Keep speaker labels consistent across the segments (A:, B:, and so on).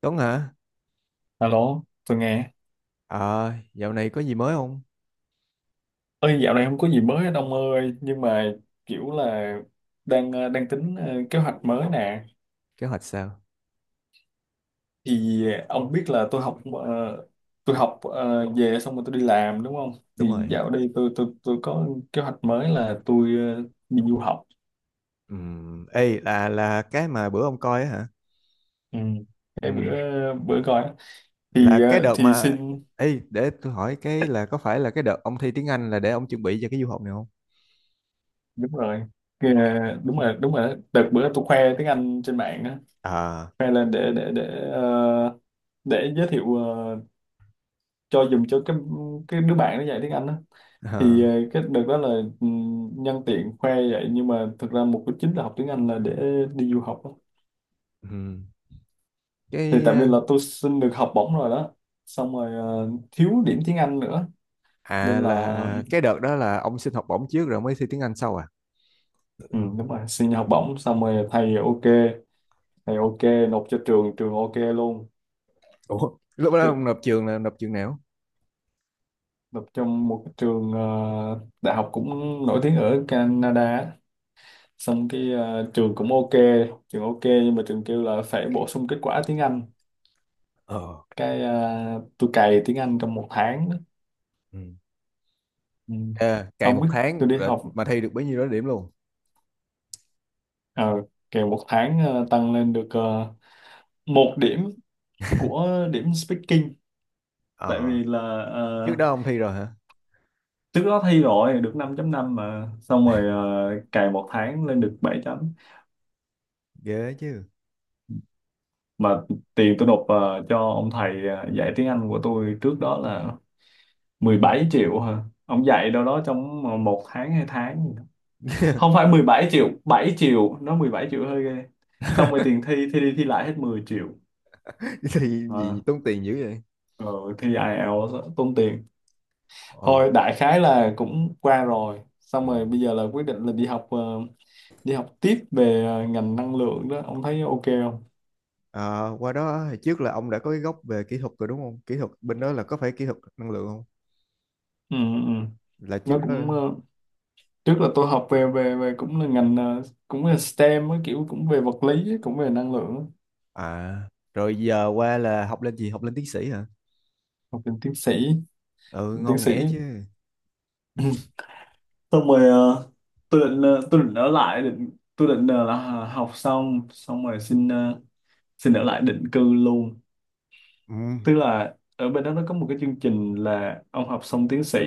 A: Tuấn hả?
B: Alo, tôi nghe.
A: Ờ, dạo này có gì mới không?
B: Ơi, dạo này không có gì mới hết ông ơi, nhưng mà kiểu là đang đang tính kế hoạch mới nè.
A: Kế hoạch sao?
B: Thì ông biết là về xong rồi tôi đi làm đúng không?
A: Đúng
B: Thì
A: rồi.
B: dạo đây tôi có kế hoạch mới là tôi ờ, đi du học.
A: Ê, là cái mà bữa ông coi á hả?
B: Ừ. Cái
A: Ừm,
B: bữa bữa coi á.
A: là
B: thì
A: cái
B: ờ,
A: đợt
B: thì
A: mà.
B: xin.
A: Ê, để tôi hỏi cái là có phải là cái đợt ông thi tiếng Anh là để ông chuẩn bị cho cái du học này không?
B: Đúng rồi. Ờ, đúng rồi đó. Đợt bữa tôi khoe tiếng Anh trên mạng á,
A: À,
B: khoe lên để giới thiệu cho dùng cho cái đứa bạn nó dạy tiếng Anh đó.
A: à,
B: Cái đợt đó là, nhân tiện khoe vậy nhưng mà thực ra mục đích chính là học tiếng Anh là để đi du học đó.
A: ừm,
B: Thì
A: cái...
B: tại vì
A: ờ,
B: là tôi xin được học bổng rồi đó, xong rồi thiếu điểm tiếng Anh nữa
A: À,
B: nên là,
A: là cái đợt đó là ông xin học bổng trước rồi mới thi tiếng Anh sau à?
B: ừ, đúng rồi, xin học bổng xong rồi thầy ok, thầy ok. Nộp cho trường, trường ok luôn.
A: Ủa, lúc đó ông
B: Trường,
A: nộp trường là nộp trường nào?
B: nộp trong một cái trường đại học cũng nổi tiếng ở Canada á. Xong cái trường cũng ok, trường ok. Nhưng mà trường kêu là phải bổ sung kết quả tiếng Anh.
A: Ờ.
B: cái ờ, tôi cày tiếng Anh trong một tháng đó.
A: Ừ.
B: Ừ.
A: À, cày
B: Không
A: một
B: biết, tôi
A: tháng
B: đi
A: rồi
B: học
A: mà thi được bấy nhiêu đó điểm luôn.
B: ờ kèo một tháng, tăng lên được một điểm, của điểm speaking. Tại
A: Ờ,
B: vì là
A: Trước
B: ờ,
A: đó ông thi rồi hả?
B: trước đó thi rồi được 5 năm mà, xong rồi cày một tháng lên được 7.0.
A: Ghê chứ.
B: Mà tiền tôi nộp cho ông thầy dạy tiếng Anh của tôi trước đó là 17 triệu hả? Ông dạy đâu đó trong một tháng, hai tháng gì đó. Không phải 17 triệu, 7 triệu, nó 17 triệu hơi ghê. Xong rồi tiền thi thi đi thi lại hết 10 triệu.
A: Thì gì
B: À,
A: tốn tiền dữ vậy?
B: rồi thi IELTS á, tốn tiền.
A: Ồ.
B: Thôi đại khái là cũng qua rồi. Xong
A: Ừ.
B: rồi bây giờ là quyết định là đi học tiếp về ngành năng lượng đó, ông thấy ok không?
A: Ờ, Qua đó hồi trước là ông đã có cái gốc về kỹ thuật rồi đúng không? Kỹ thuật bên đó là có phải kỹ thuật năng lượng không?
B: Ừ ừ. Ừ.
A: Là
B: Nó
A: trước đó.
B: cũng trước là tôi học về về về cũng là ngành, cũng là STEM á, kiểu cũng về vật lý á, cũng về năng lượng á.
A: À, rồi giờ qua là học lên gì, học lên tiến sĩ hả?
B: Học lên
A: Ừ,
B: tiến
A: ngon
B: sĩ
A: nghẻ chứ.
B: xong rồi tôi định ở lại, định tôi định ờ, là học xong, xong rồi xin ở lại định cư luôn.
A: Ừ. Ừ.
B: Tức là ở bên đó nó có một cái chương trình là ông học xong tiến sĩ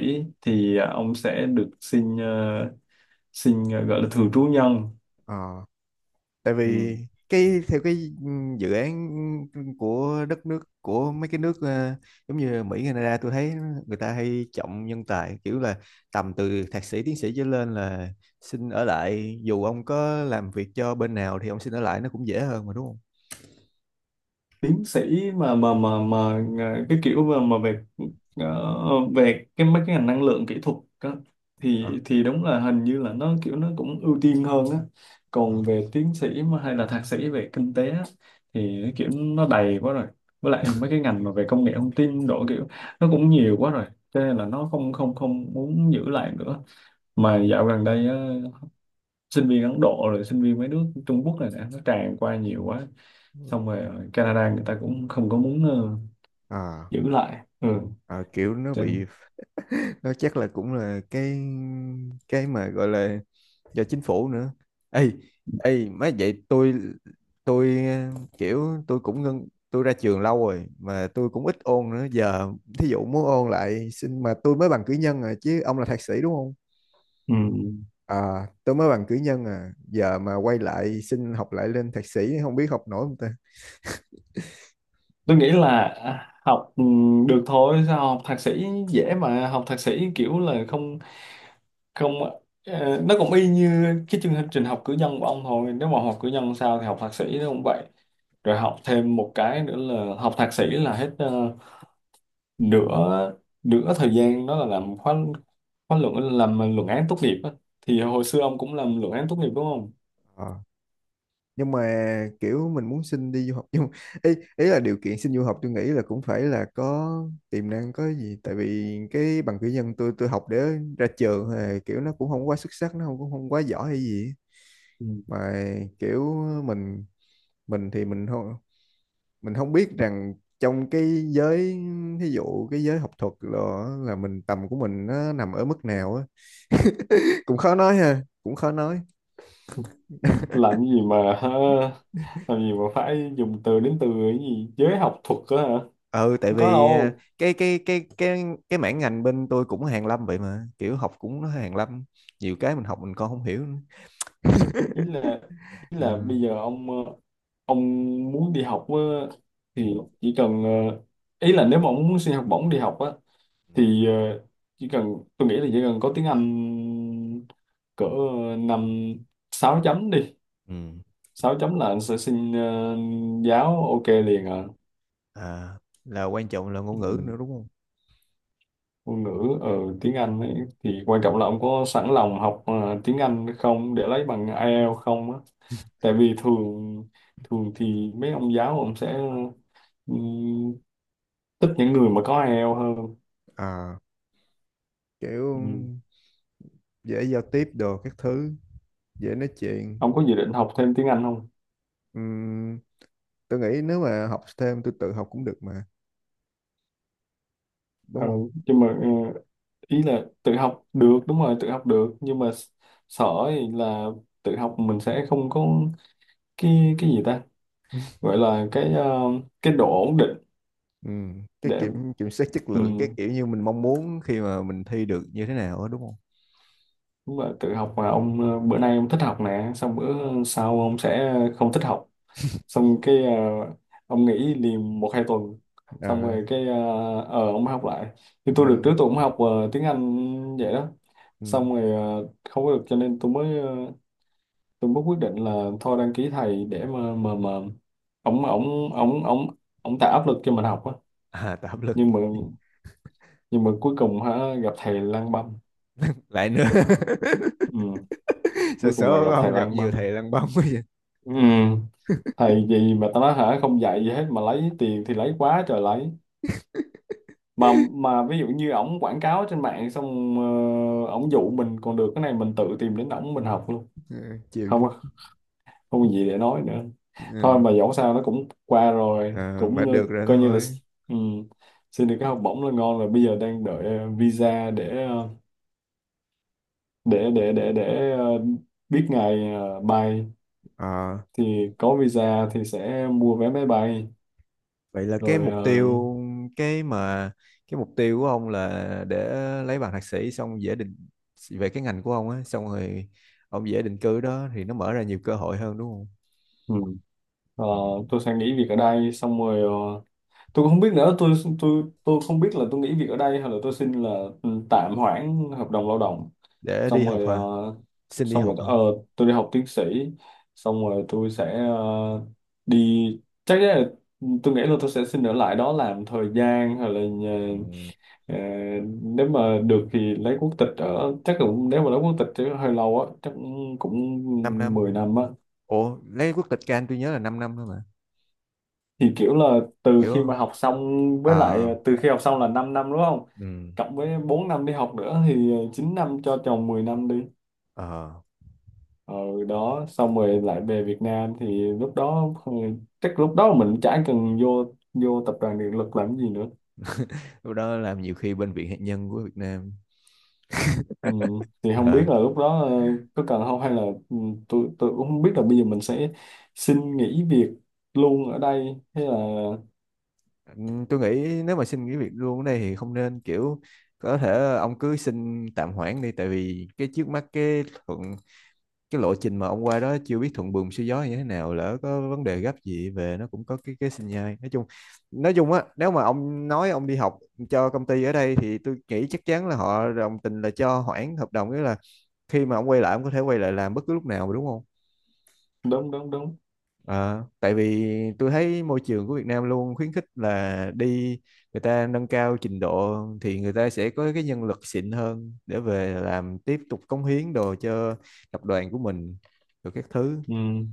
B: thì ông sẽ được gọi là thường trú nhân.
A: Ờ. Tại
B: Ừ.
A: vì theo cái dự án của đất nước, của mấy cái nước giống như Mỹ, Canada, tôi thấy người ta hay trọng nhân tài, kiểu là tầm từ thạc sĩ tiến sĩ trở lên là xin ở lại, dù ông có làm việc cho bên nào thì ông xin ở lại nó cũng dễ hơn mà, đúng không?
B: Tiến sĩ cái kiểu mà ờ, về cái mấy cái ngành năng lượng kỹ thuật á, thì
A: Ờ,
B: thì đúng là hình như là nó kiểu nó cũng ưu tiên hơn á.
A: ờ,
B: Còn về tiến sĩ mà hay là thạc sĩ về kinh tế á, thì cái kiểu nó đầy quá rồi, với lại mấy cái ngành mà về công nghệ thông tin độ kiểu nó cũng nhiều quá rồi cho nên là nó không không không muốn giữ lại nữa. Mà dạo gần đây á, sinh viên Ấn Độ rồi sinh viên mấy nước Trung Quốc này nè nó tràn qua nhiều quá. Xong rồi ở Canada người ta cũng không có muốn
A: ờ,
B: giữ lại. Ừ.
A: ờ, kiểu nó bị
B: Trên,
A: đó, chắc là cũng là cái mà gọi là do chính phủ nữa. Ê ê má, vậy tôi kiểu tôi cũng ngân, tôi ra trường lâu rồi mà tôi cũng ít ôn nữa, giờ thí dụ muốn ôn lại xin mà tôi mới bằng cử nhân à, chứ ông là thạc sĩ đúng không?
B: ừ.
A: À, tôi mới bằng cử nhân à, giờ mà quay lại xin học lại lên thạc sĩ không biết học nổi không ta.
B: Tôi nghĩ là học được thôi, sao học thạc sĩ dễ mà, học thạc sĩ kiểu là không không ờ, nó cũng y như cái chương trình học cử nhân của ông thôi. Nếu mà học cử nhân sao thì học thạc sĩ nó cũng vậy. Rồi học thêm một cái nữa là học thạc sĩ là hết nửa nửa thời gian đó là làm khóa khóa luận, làm luận án tốt nghiệp á. Thì hồi xưa ông cũng làm luận án tốt nghiệp đúng không?
A: À. Nhưng mà kiểu mình muốn xin đi du học, nhưng ý ý là điều kiện xin du học tôi nghĩ là cũng phải là có tiềm năng có gì, tại vì cái bằng cử nhân tôi học để ra trường thì kiểu nó cũng không quá xuất sắc, nó không, cũng không quá giỏi hay gì á.
B: Ừ.
A: Mà kiểu mình mình thì mình không biết rằng trong cái giới, ví dụ cái giới học thuật, là mình, tầm của mình nó nằm ở mức nào á. Cũng khó nói ha, cũng khó nói.
B: Làm gì mà hả? Làm gì mà phải dùng từ đến từ cái gì giới học thuật đó hả?
A: Ừ, tại
B: Không có
A: vì
B: đâu.
A: cái mảng ngành bên tôi cũng hàng lâm vậy, mà kiểu học cũng nó hàng lâm, nhiều cái mình học mình còn không hiểu nữa.
B: Ý là ý là
A: Ừ.
B: bây giờ ông muốn đi học á,
A: Ừ.
B: thì chỉ cần ờ, ý là nếu mà ông muốn xin học bổng đi học á
A: Ừ.
B: thì chỉ cần, tôi nghĩ là chỉ cần có tiếng Anh cỡ năm 6 chấm đi,
A: Ừ.
B: 6 chấm là anh sẽ giáo ok liền à.
A: À, là quan trọng là
B: Ừ.
A: ngôn ngữ nữa đúng không?
B: Ngôn ngữ ở tiếng Anh ấy, thì quan trọng là ông có sẵn lòng học tiếng Anh không, để lấy bằng IELTS không á. Tại vì thường thường thì mấy ông giáo ông sẽ ừm, thích những người mà có IELTS hơn.
A: À, kiểu
B: Ừm.
A: dễ giao tiếp đồ các thứ, dễ nói chuyện.
B: Ông có dự định học thêm tiếng Anh không?
A: Ừm, tôi nghĩ nếu mà học thêm tôi tự học cũng được mà, đúng
B: Ờ,
A: không?
B: nhưng mà ý là tự học được, đúng rồi, tự học được nhưng mà sợ thì là, tự học mình sẽ không có cái gì ta gọi là cái độ ổn định
A: Ừ. Cái
B: để,
A: kiểm kiểm soát chất
B: ừ,
A: lượng, cái kiểu như mình mong muốn khi mà mình thi được như thế nào đó, đúng không?
B: Đúng là tự học mà ông bữa nay ông thích học nè, xong bữa sau ông sẽ không thích học, xong ông nghỉ liền một hai tuần, xong
A: À,
B: rồi ông mới học lại. Thì tôi được, trước
A: ừm,
B: tôi cũng học tiếng Anh vậy đó,
A: ừm.
B: xong rồi không có được, cho nên tôi mới quyết định là thôi đăng ký thầy để mà ông ông ông ông ông tạo áp lực cho mình học á.
A: À, tạo áp lực
B: Nhưng mà nhưng mà cuối cùng hả, gặp thầy lang băm.
A: lại nữa.
B: Ừ,
A: Sợ
B: cuối cùng là gặp
A: số
B: thầy
A: không, gặp
B: lang
A: nhiều
B: băm.
A: thầy lăn bông quá vậy.
B: Ừ. Thầy gì mà tao nói hả, không dạy gì hết mà lấy tiền thì lấy quá trời lấy, mà mà ví dụ như ổng quảng cáo trên mạng xong, ổng dụ mình còn được, cái này mình tự tìm đến ổng mình học luôn.
A: Ừ, chịu
B: không
A: chứ.
B: có- Không có gì để nói nữa. Thôi
A: Ừ.
B: mà dẫu sao nó cũng qua rồi,
A: À, mà
B: cũng
A: được rồi
B: coi như là,
A: thôi.
B: ừ, xin được cái học bổng là ngon rồi, bây giờ đang đợi visa để để để để để ờ, biết ngày bay.
A: À,
B: Thì có visa thì sẽ mua vé máy bay
A: vậy là
B: rồi. Ờ,
A: cái mà cái mục tiêu của ông là để lấy bằng thạc sĩ xong dễ định, về cái ngành của ông á, xong rồi ông dễ định cư đó, thì nó mở ra nhiều cơ hội hơn, đúng không?
B: ừ. Ờ,
A: Ừ.
B: tôi sẽ nghỉ việc ở đây, xong rồi tôi cũng không biết nữa, tôi không biết là tôi nghỉ việc ở đây hay là tôi xin là, ừ, tạm hoãn hợp đồng lao động,
A: Để đi
B: xong rồi
A: học
B: ờ,
A: hả? Xin đi
B: xong rồi
A: học hả?
B: tôi đi học tiến sĩ, xong rồi tôi sẽ đi chắc chắn là, ừ, tôi nghĩ là tôi sẽ xin ở lại đó làm thời gian, hay là
A: Ừ.
B: ờ, nếu mà được thì lấy quốc tịch, ở chắc cũng, nếu mà lấy quốc tịch chứ hơi lâu á, chắc
A: 5
B: cũng
A: năm.
B: 10 năm á.
A: Ủa, lấy quốc tịch Can tôi nhớ là 5 năm thôi mà.
B: Thì kiểu là từ
A: Hiểu
B: khi
A: không?
B: mà học xong,
A: À.
B: với lại từ khi học xong là 5 năm đúng không,
A: Ừ.
B: cộng với 4 năm đi học nữa thì 9 năm cho chồng 10 năm đi,
A: Ờ.
B: ờ đó, xong rồi lại về Việt Nam thì lúc đó, ừ, chắc lúc đó mình chả cần vô vô tập đoàn điện lực làm gì nữa.
A: Lúc đó làm nhiều khi bên Viện Hạt nhân của Việt Nam.
B: Ừ. Thì không biết
A: Ờ.
B: là lúc đó có cần không hay là, ừ, tôi cũng không biết là bây giờ mình sẽ xin nghỉ việc luôn ở đây hay là,
A: Ừ, tôi nghĩ nếu mà xin nghỉ việc luôn ở đây thì không nên, kiểu có thể ông cứ xin tạm hoãn đi, tại vì cái trước mắt, cái cái lộ trình mà ông qua đó chưa biết thuận buồm xuôi gió như thế nào, lỡ có vấn đề gấp gì về nó cũng có cái sinh nhai, nói chung, nói chung á, nếu mà ông nói ông đi học cho công ty ở đây thì tôi nghĩ chắc chắn là họ đồng tình là cho hoãn hợp đồng, nghĩa là khi mà ông quay lại ông có thể quay lại làm bất cứ lúc nào mà, đúng không?
B: đúng đúng đúng.
A: Ờ, Tại vì tôi thấy môi trường của Việt Nam luôn khuyến khích là đi, người ta nâng cao trình độ thì người ta sẽ có cái nhân lực xịn hơn để về làm tiếp tục cống hiến đồ cho tập đoàn của mình, rồi các thứ.
B: Ừ.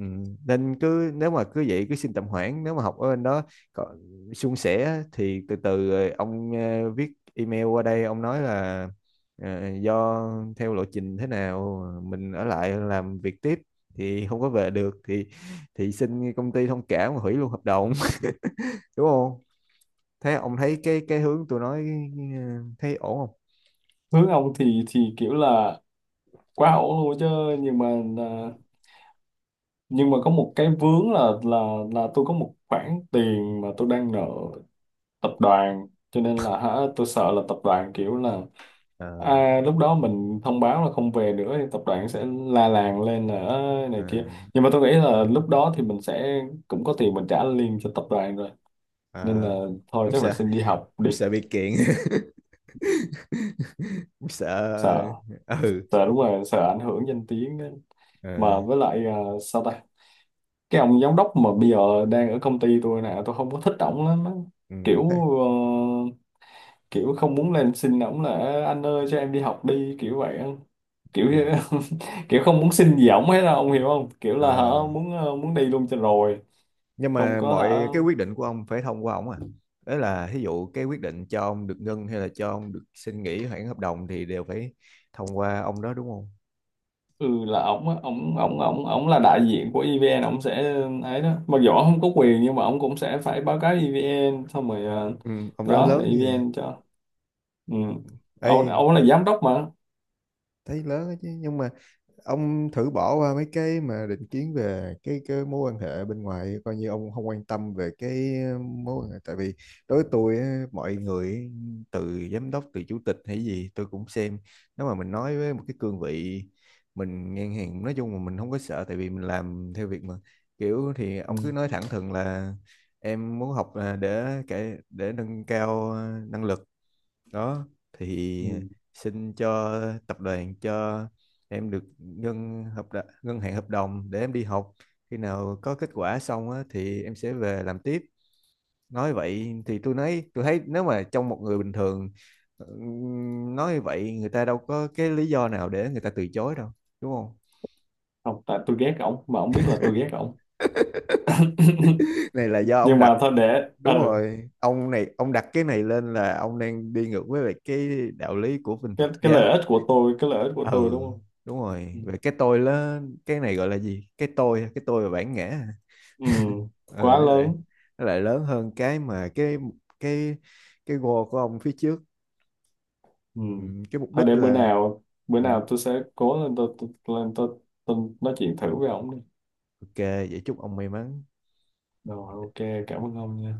A: Ừ, nên cứ nếu mà cứ vậy cứ xin tạm hoãn, nếu mà học ở bên đó có suôn sẻ thì từ từ rồi ông viết email qua đây ông nói là do theo lộ trình thế nào mình ở lại làm việc tiếp thì không có về được, thì xin công ty thông cảm và hủy luôn hợp đồng. Đúng không? Thế ông thấy cái hướng tôi nói thấy ổn không?
B: Hướng ông thì kiểu là quá ổn luôn chứ, nhưng mà à, có một cái vướng là tôi có một khoản tiền mà tôi đang nợ tập đoàn, cho nên là hả tôi sợ là tập đoàn kiểu là,
A: Ờ,
B: lúc đó mình thông báo là không về nữa thì tập đoàn sẽ la làng lên là "Ơ,
A: ờ,
B: này kia." Nhưng mà tôi nghĩ là lúc đó thì mình sẽ cũng có tiền mình trả liền cho tập đoàn rồi, nên là
A: ờ.
B: thôi
A: ông
B: chắc là
A: sợ
B: xin đi học đi.
A: ông sợ bị kiện. Ông sợ.
B: Sợ.
A: Ừ.
B: Sợ đúng rồi, sợ ảnh hưởng danh tiếng ấy.
A: Ờ,
B: Mà với lại sao ta, cái ông giám đốc mà bây giờ đang ở công ty tôi nè, tôi không có thích ổng lắm á.
A: ừ,
B: kiểu
A: thế,
B: ờ, kiểu không muốn lên xin ổng là "Ê, anh ơi cho em đi học đi," kiểu vậy á. Kiểu
A: ừ.
B: kiểu không muốn xin gì ổng hết đâu, ông hiểu không, kiểu là hả,
A: Ờ,
B: muốn đi luôn cho rồi.
A: nhưng
B: Không
A: mà
B: có hả.
A: mọi cái quyết định của ông phải thông qua ông à, đấy là ví dụ cái quyết định cho ông được ngưng hay là cho ông được xin nghỉ hoãn hợp đồng thì đều phải thông qua ông đó, đúng không?
B: Ừ, là ổng á, ổng ổng ổng ổng là đại diện của EVN, ổng sẽ ấy đó, mặc dù ổng không có quyền nhưng mà ổng cũng sẽ phải báo cáo EVN xong rồi,
A: Ừ, ông đó
B: đó
A: lớn gì vậy?
B: EVN cho. Ừ. ông
A: Ê,
B: ông là giám đốc mà.
A: thấy lớn đó chứ, nhưng mà ông thử bỏ qua mấy cái mà định kiến về cái mối quan hệ bên ngoài, coi như ông không quan tâm về cái mối quan hệ, tại vì đối với tôi á, mọi người ấy, từ giám đốc, từ chủ tịch hay gì tôi cũng xem, nếu mà mình nói với một cái cương vị mình ngang hàng nói chung là mình không có sợ, tại vì mình làm theo việc mà, kiểu thì ông
B: Ừ.
A: cứ nói thẳng thừng là em muốn học là để cái để nâng cao năng lực đó, thì
B: Ừ.
A: xin cho tập đoàn, cho em được ngân hạn hợp đồng để em đi học, khi nào có kết quả xong á, thì em sẽ về làm tiếp, nói vậy thì tôi nói tôi thấy nếu mà trong một người bình thường nói như vậy người ta đâu có cái lý do nào để người ta từ chối đâu, đúng không?
B: Không, tại tôi ghét ổng mà ổng biết là tôi ghét ổng,
A: Này là do ông
B: nhưng
A: đặt.
B: mà thôi để
A: Đúng rồi, ông này ông đặt cái này lên là ông đang đi ngược với lại cái đạo lý của bên
B: cái
A: Phật
B: cái
A: giáo.
B: lợi ích của tôi, cái lợi ích của tôi,
A: Ừ,
B: đúng không.
A: đúng rồi,
B: Ừ,
A: về cái tôi lớn, cái này gọi là gì, cái tôi, cái tôi và bản ngã hả?
B: ừ,
A: Ừ,
B: quá
A: nó lại
B: lớn.
A: nó lại lớn hơn cái mà cái cái goal của ông phía trước.
B: Ừ.
A: Ừ, cái mục
B: Thôi
A: đích
B: để
A: là.
B: bữa
A: Ừ,
B: nào tôi sẽ cố lên tôi nói chuyện thử với ổng đi.
A: ok vậy chúc ông may mắn.
B: Rồi ok, cảm ơn ông nha.